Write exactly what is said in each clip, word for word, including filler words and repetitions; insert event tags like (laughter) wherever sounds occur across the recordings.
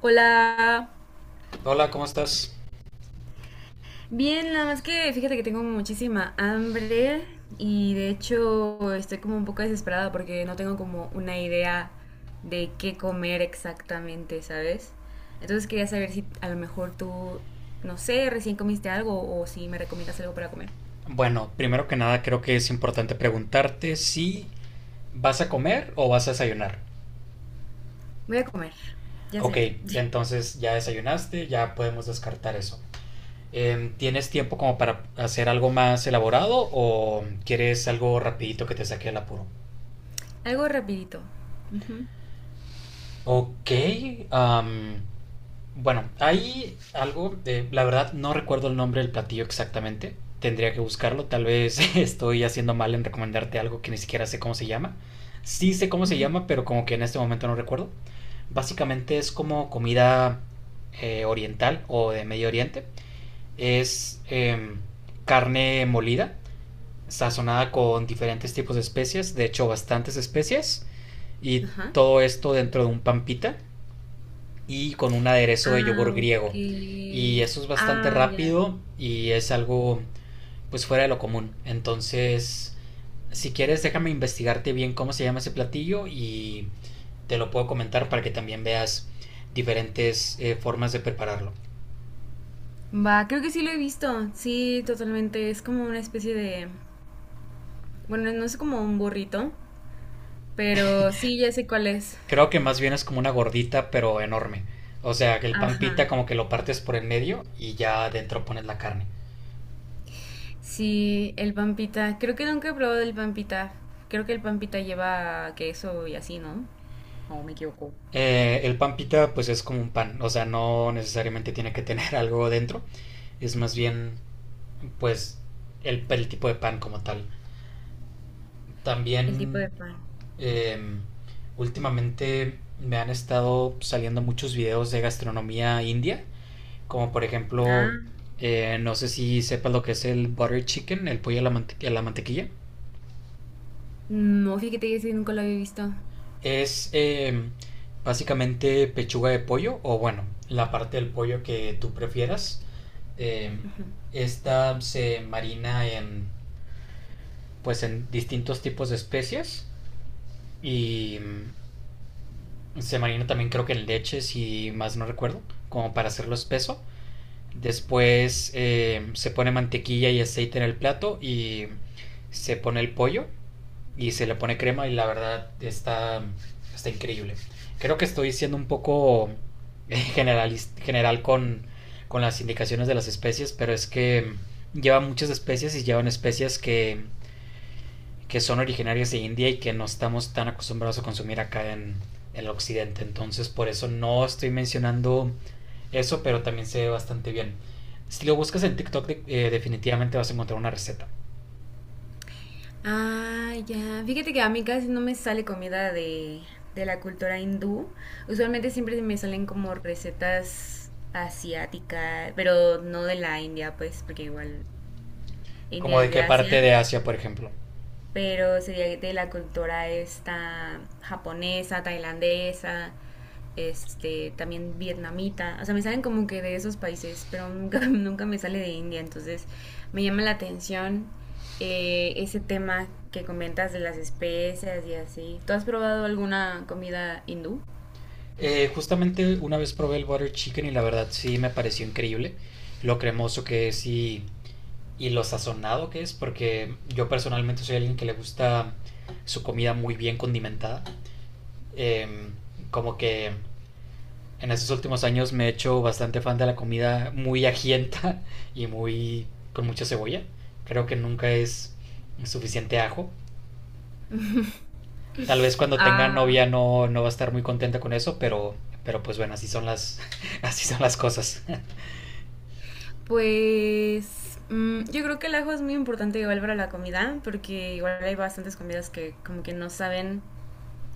Hola. Hola, ¿cómo estás? Bien, nada más que fíjate que tengo muchísima hambre y de hecho estoy como un poco desesperada porque no tengo como una idea de qué comer exactamente, ¿sabes? Entonces quería saber si a lo mejor tú, no sé, recién comiste algo o si me recomiendas algo para comer. Bueno, primero que nada creo que es importante preguntarte si vas a comer o vas a desayunar. Voy a comer, ya Ok, sé. (laughs) entonces ya desayunaste, ya podemos descartar eso. Em, ¿tienes tiempo como para hacer algo más elaborado o quieres algo rapidito que te saque el apuro? Algo rapidito. Ujú. Ok, am, bueno, hay algo de, la verdad no recuerdo el nombre del platillo exactamente. Tendría que buscarlo. Tal vez (laughs) estoy haciendo mal en recomendarte algo que ni siquiera sé cómo se llama. Sí sé cómo se llama, pero como que en este momento no recuerdo. Básicamente es como comida eh, oriental o de Medio Oriente. Es em, carne molida, sazonada con diferentes tipos de especias, de hecho bastantes especias, y Ajá. todo esto dentro de un pampita y con un aderezo de yogur Ah, ok. griego. Y eso es bastante Ah, ya. rápido y es algo pues fuera de lo común. Entonces, si quieres, déjame investigarte bien cómo se llama ese platillo y te lo puedo comentar para que también veas diferentes eh, formas de prepararlo. Va, creo que sí lo he visto. Sí, totalmente. Es como una especie de... ...bueno, no es como un burrito, pero sí, ya sé cuál es. Creo que más bien es como una gordita pero enorme. O sea, que el pan Ajá. pita como que lo partes por el medio y ya adentro pones la carne. Sí, el pampita. Creo que nunca he probado el pampita. Creo que el pampita lleva queso y así, ¿no? O me equivoco. Eh, el pan pita pues es como un pan, o sea, no necesariamente tiene que tener (laughs) algo dentro, es más bien pues el, el tipo de pan como tal. El tipo También de pan. eh, últimamente me han estado saliendo muchos videos de gastronomía india, como por ejemplo, Ah. eh, no sé si sepas lo que es el butter chicken, el pollo a la, mante- a la mantequilla. No, fíjate que ese nunca lo había visto. Es eh, básicamente pechuga de pollo o bueno, la parte del pollo que tú prefieras. Eh, esta se marina en pues en distintos tipos de especias y mm, se marina también creo que en leche, si más no recuerdo, como para hacerlo espeso. Después eh, se pone mantequilla y aceite en el plato y se pone el pollo y se le pone crema y la verdad está, está increíble. Creo que estoy siendo un poco generalis- general con, con las indicaciones de las especies, pero es que lleva muchas especies y llevan especies que que son originarias de India y que no estamos tan acostumbrados a consumir acá en, en el occidente. Entonces, por eso no estoy mencionando eso, pero también se ve bastante bien. Si lo buscas en TikTok, eh, definitivamente vas a encontrar una receta. Ah, ya. Fíjate que a mí casi no me sale comida de, de la cultura hindú. Usualmente siempre me salen como recetas asiáticas, pero no de la India, pues, porque igual ¿Como India de es de qué parte Asia, de Asia, por ejemplo? pero sería de la cultura esta japonesa, tailandesa, este, también vietnamita. O sea, me salen como que de esos países, pero nunca, (laughs) nunca me sale de India, entonces me llama la atención eh, ese tema que comentas de las especias y así. ¿Tú has probado alguna comida hindú? Eh, justamente una vez probé el butter chicken y la verdad sí me pareció increíble. Lo cremoso que es y, y lo sazonado que es, porque yo personalmente soy alguien que le gusta su comida muy bien condimentada. Eh, como que en estos últimos años me he hecho bastante fan de la comida muy ajienta y muy con mucha cebolla. Creo que nunca es suficiente ajo. Tal vez cuando tenga Ah, novia no, no va a estar muy contenta con eso, pero, pero pues bueno, así son las, (laughs) así son las cosas. (laughs) pues mm, yo creo que el ajo es muy importante igual para la comida, porque igual hay bastantes comidas que como que no saben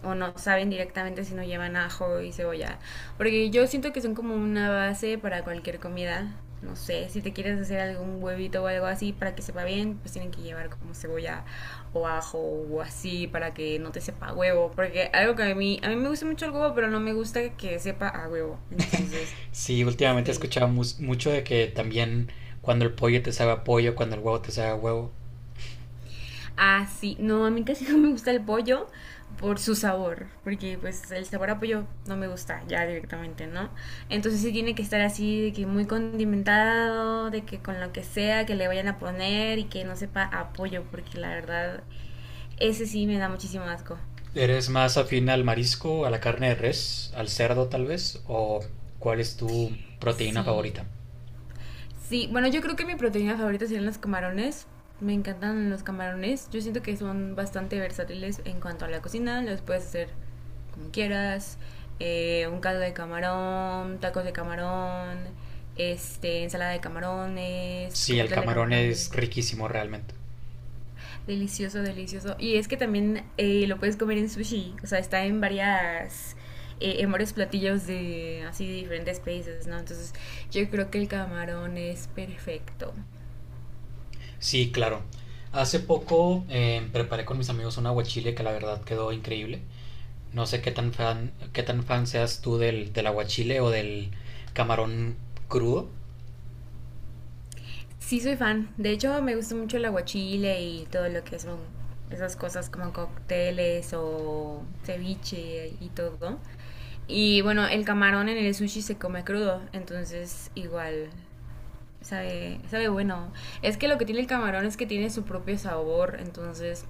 o no saben directamente si no llevan ajo y cebolla. Porque yo siento que son como una base para cualquier comida. No sé, si te quieres hacer algún huevito o algo así para que sepa bien, pues tienen que llevar como cebolla o ajo o así para que no te sepa a huevo. Porque algo que a mí, a mí me gusta mucho el huevo, pero no me gusta que sepa a huevo. Entonces, Sí, últimamente he sí. escuchado mu- mucho de que también cuando el pollo te sabe a pollo, cuando el huevo te sabe a huevo. Ah, sí. No, a mí casi (laughs) no me gusta el pollo por su sabor, porque pues el sabor a pollo no me gusta ya directamente, ¿no? Entonces sí tiene que estar así, de que muy condimentado, de que con lo que sea que le vayan a poner y que no sepa a pollo, porque la verdad, ese sí me da muchísimo asco. ¿Eres más afín al marisco, a la carne de res, al cerdo tal vez? ¿O cuál es tu proteína favorita? Sí. Sí, bueno, yo creo que mi proteína favorita serían los camarones. Me encantan los camarones. Yo siento que son bastante versátiles en cuanto a la cocina. Los puedes hacer como quieras. Eh, un caldo de camarón, tacos de camarón, este, ensalada de camarones, Sí, el coquetel de camarón camarón. es riquísimo realmente. Delicioso, delicioso. Y es que también eh, lo puedes comer en sushi. O sea, está en varias, eh, en varios platillos de así de diferentes países, ¿no? Entonces, yo creo que el camarón es perfecto. Sí, claro. Hace poco eh, preparé con mis amigos un aguachile que la verdad quedó increíble. No sé qué tan fan, qué tan fan seas tú del, del aguachile o del camarón crudo. Sí, soy fan. De hecho, me gusta mucho el aguachile y todo lo que son esas cosas como cócteles o ceviche y todo. Y bueno, el camarón en el sushi se come crudo, entonces igual sabe, sabe bueno. Es que lo que tiene el camarón es que tiene su propio sabor, entonces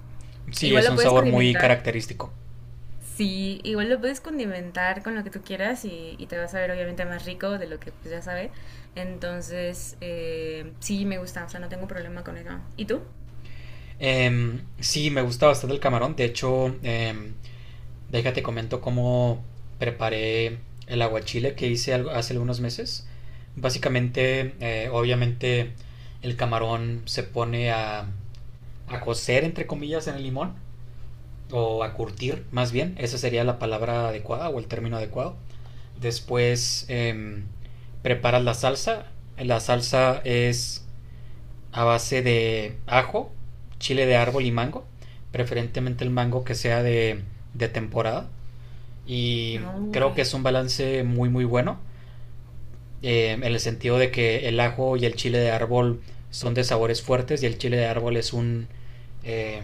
Sí, igual es lo un puedes sabor muy condimentar. característico. Sí, igual lo puedes condimentar con lo que tú quieras y, y te vas a ver obviamente más rico de lo que pues ya sabe. Entonces, eh, sí, me gusta, o sea, no tengo problema con eso. ¿Y tú? Em, sí, me gusta bastante el camarón. De hecho, em, déjate comento cómo preparé el aguachile que hice al- hace algunos meses. Básicamente, eh, obviamente, el camarón se pone a, a cocer, entre comillas, en el limón, o a curtir, más bien. Esa sería la palabra adecuada o el término adecuado. Después em, preparas la salsa. La salsa es a base de ajo, chile de árbol y mango, preferentemente el mango que sea de, de temporada. Y No, ok. creo que es un balance muy muy bueno, eh, en el sentido de que el ajo y el chile de árbol son de sabores fuertes y el chile de árbol es un, eh,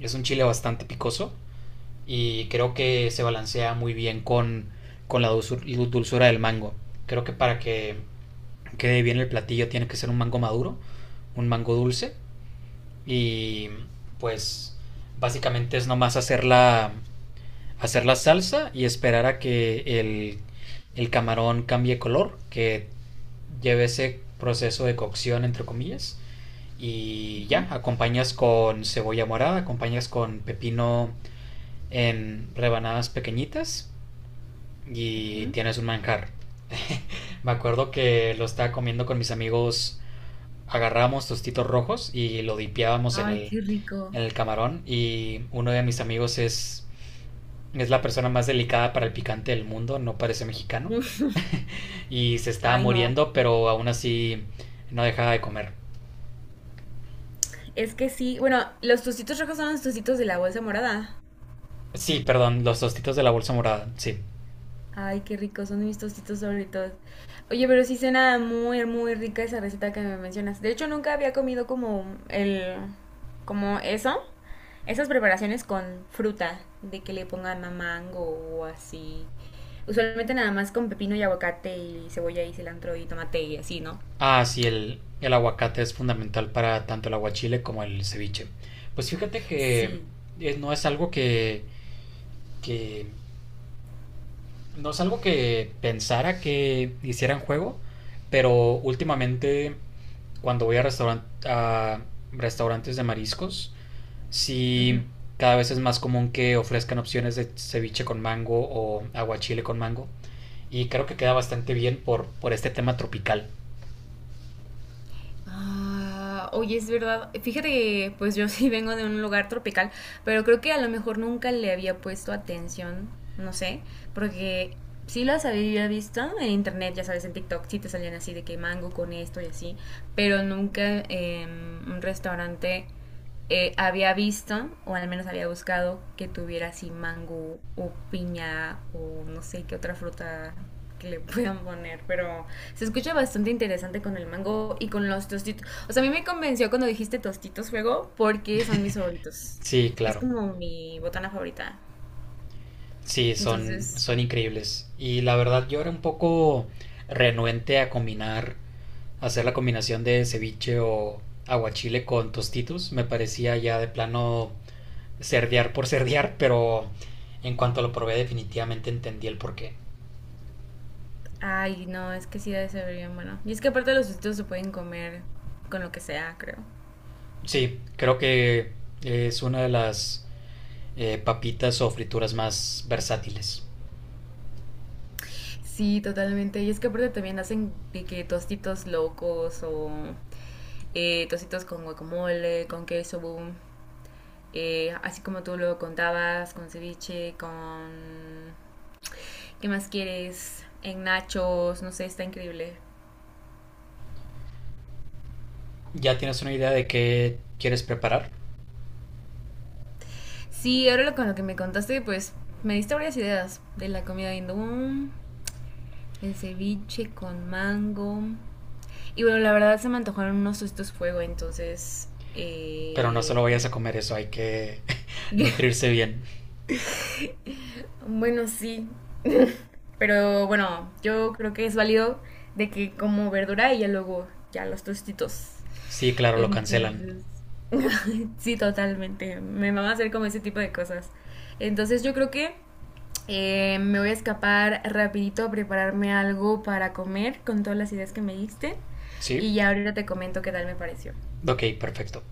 es un chile bastante picoso y creo que se balancea muy bien con, con la dulzur- dulzura del mango. Creo que para que quede bien el platillo tiene que ser un mango maduro, un mango dulce y pues básicamente es nomás hacer la, hacer la salsa y esperar a que el, el camarón cambie color, que lleve ese proceso de cocción, entre comillas. Y Ujú, ya, acompañas con cebolla morada, acompañas con pepino en rebanadas pequeñitas y ujú. tienes un manjar. Me acuerdo que lo estaba comiendo con mis amigos, agarrábamos tostitos rojos y lo dipeábamos en Ay, el, qué rico. en el camarón y uno de mis amigos es es la persona más delicada para el picante del mundo, no parece mexicano. (laughs) Y se está Ay, no. muriendo, pero aún así no deja de comer. Es que sí, bueno, los tostitos rojos son los tostitos de la bolsa morada. Sí, perdón, los tostitos de la bolsa morada, sí. Ay, qué ricos, son mis tostitos favoritos. Oye, pero sí suena muy, muy rica esa receta que me mencionas. De hecho, nunca había comido como el, como eso. Esas preparaciones con fruta, de que le pongan mango o así. Usualmente nada más con pepino y aguacate y cebolla y cilantro y tomate y así, ¿no? Ah, sí, el, el aguacate es fundamental para tanto el aguachile como el ceviche. Pues fíjate que Sí. es- no es algo que, que no es algo que pensara que hicieran juego, pero últimamente cuando voy a, restauran- a restaurantes de mariscos. Ujú. Sí, cada vez es más común que ofrezcan opciones de ceviche con mango o aguachile con mango. Y creo que queda bastante bien por, por este tema tropical. Ah, oye, es verdad. Fíjate que pues yo (laughs) sí vengo de un lugar tropical, pero creo que a lo mejor nunca le había puesto atención, no sé, porque sí las había visto en internet, ya sabes, en TikTok, sí te salían así de que mango con esto y así, pero nunca en un restaurante eh, había visto, o al menos había buscado, que tuviera así mango o piña o no sé qué otra fruta que le (laughs) puedan poner, pero se escucha bastante interesante con el mango y con los tostitos. O sea, a mí me convenció cuando dijiste tostitos fuego porque son mis favoritos. Sí, Es claro. como mi botana favorita. Sí, son, Entonces, son increíbles. Y la verdad yo era un poco renuente a combinar, hacer la combinación de ceviche o aguachile con tostitos. Me parecía ya de plano cerdear por (laughs) cerdear, pero en cuanto lo probé definitivamente entendí el porqué. ay, no, es que sí debe ser bien bueno. Y es que aparte los tostitos se pueden comer con lo que sea, creo. Sí, creo que es una de las eh, papitas o frituras más versátiles. Sí, totalmente. Y es que aparte también hacen de que tostitos locos o eh, tocitos con guacamole, con queso, boom. Eh, así como tú lo contabas, con ceviche, con... ¿Qué más quieres? En nachos, no sé, está increíble. ¿Ya tienes una idea de qué quieres preparar? Sí, ahora lo- con lo que me contaste, pues me diste varias ideas de la comida hindú, el ceviche con mango. Y bueno, la verdad se me antojaron unos estos fuego, entonces... Pero no solo vayas eh, a comer eso, hay que (laughs) (laughs) nutrirse bien. Bueno, sí, pero bueno, yo creo que es válido de que como verdura y ya luego ya los tostitos. Sí, claro, lo cancelan. Entonces, sí, totalmente. Me va a hacer como ese tipo de cosas. Entonces yo creo que eh, me voy a escapar rapidito a prepararme algo para comer con todas las ideas que me diste. Sí, Y ya ahorita te comento qué tal me pareció. ok, perfecto.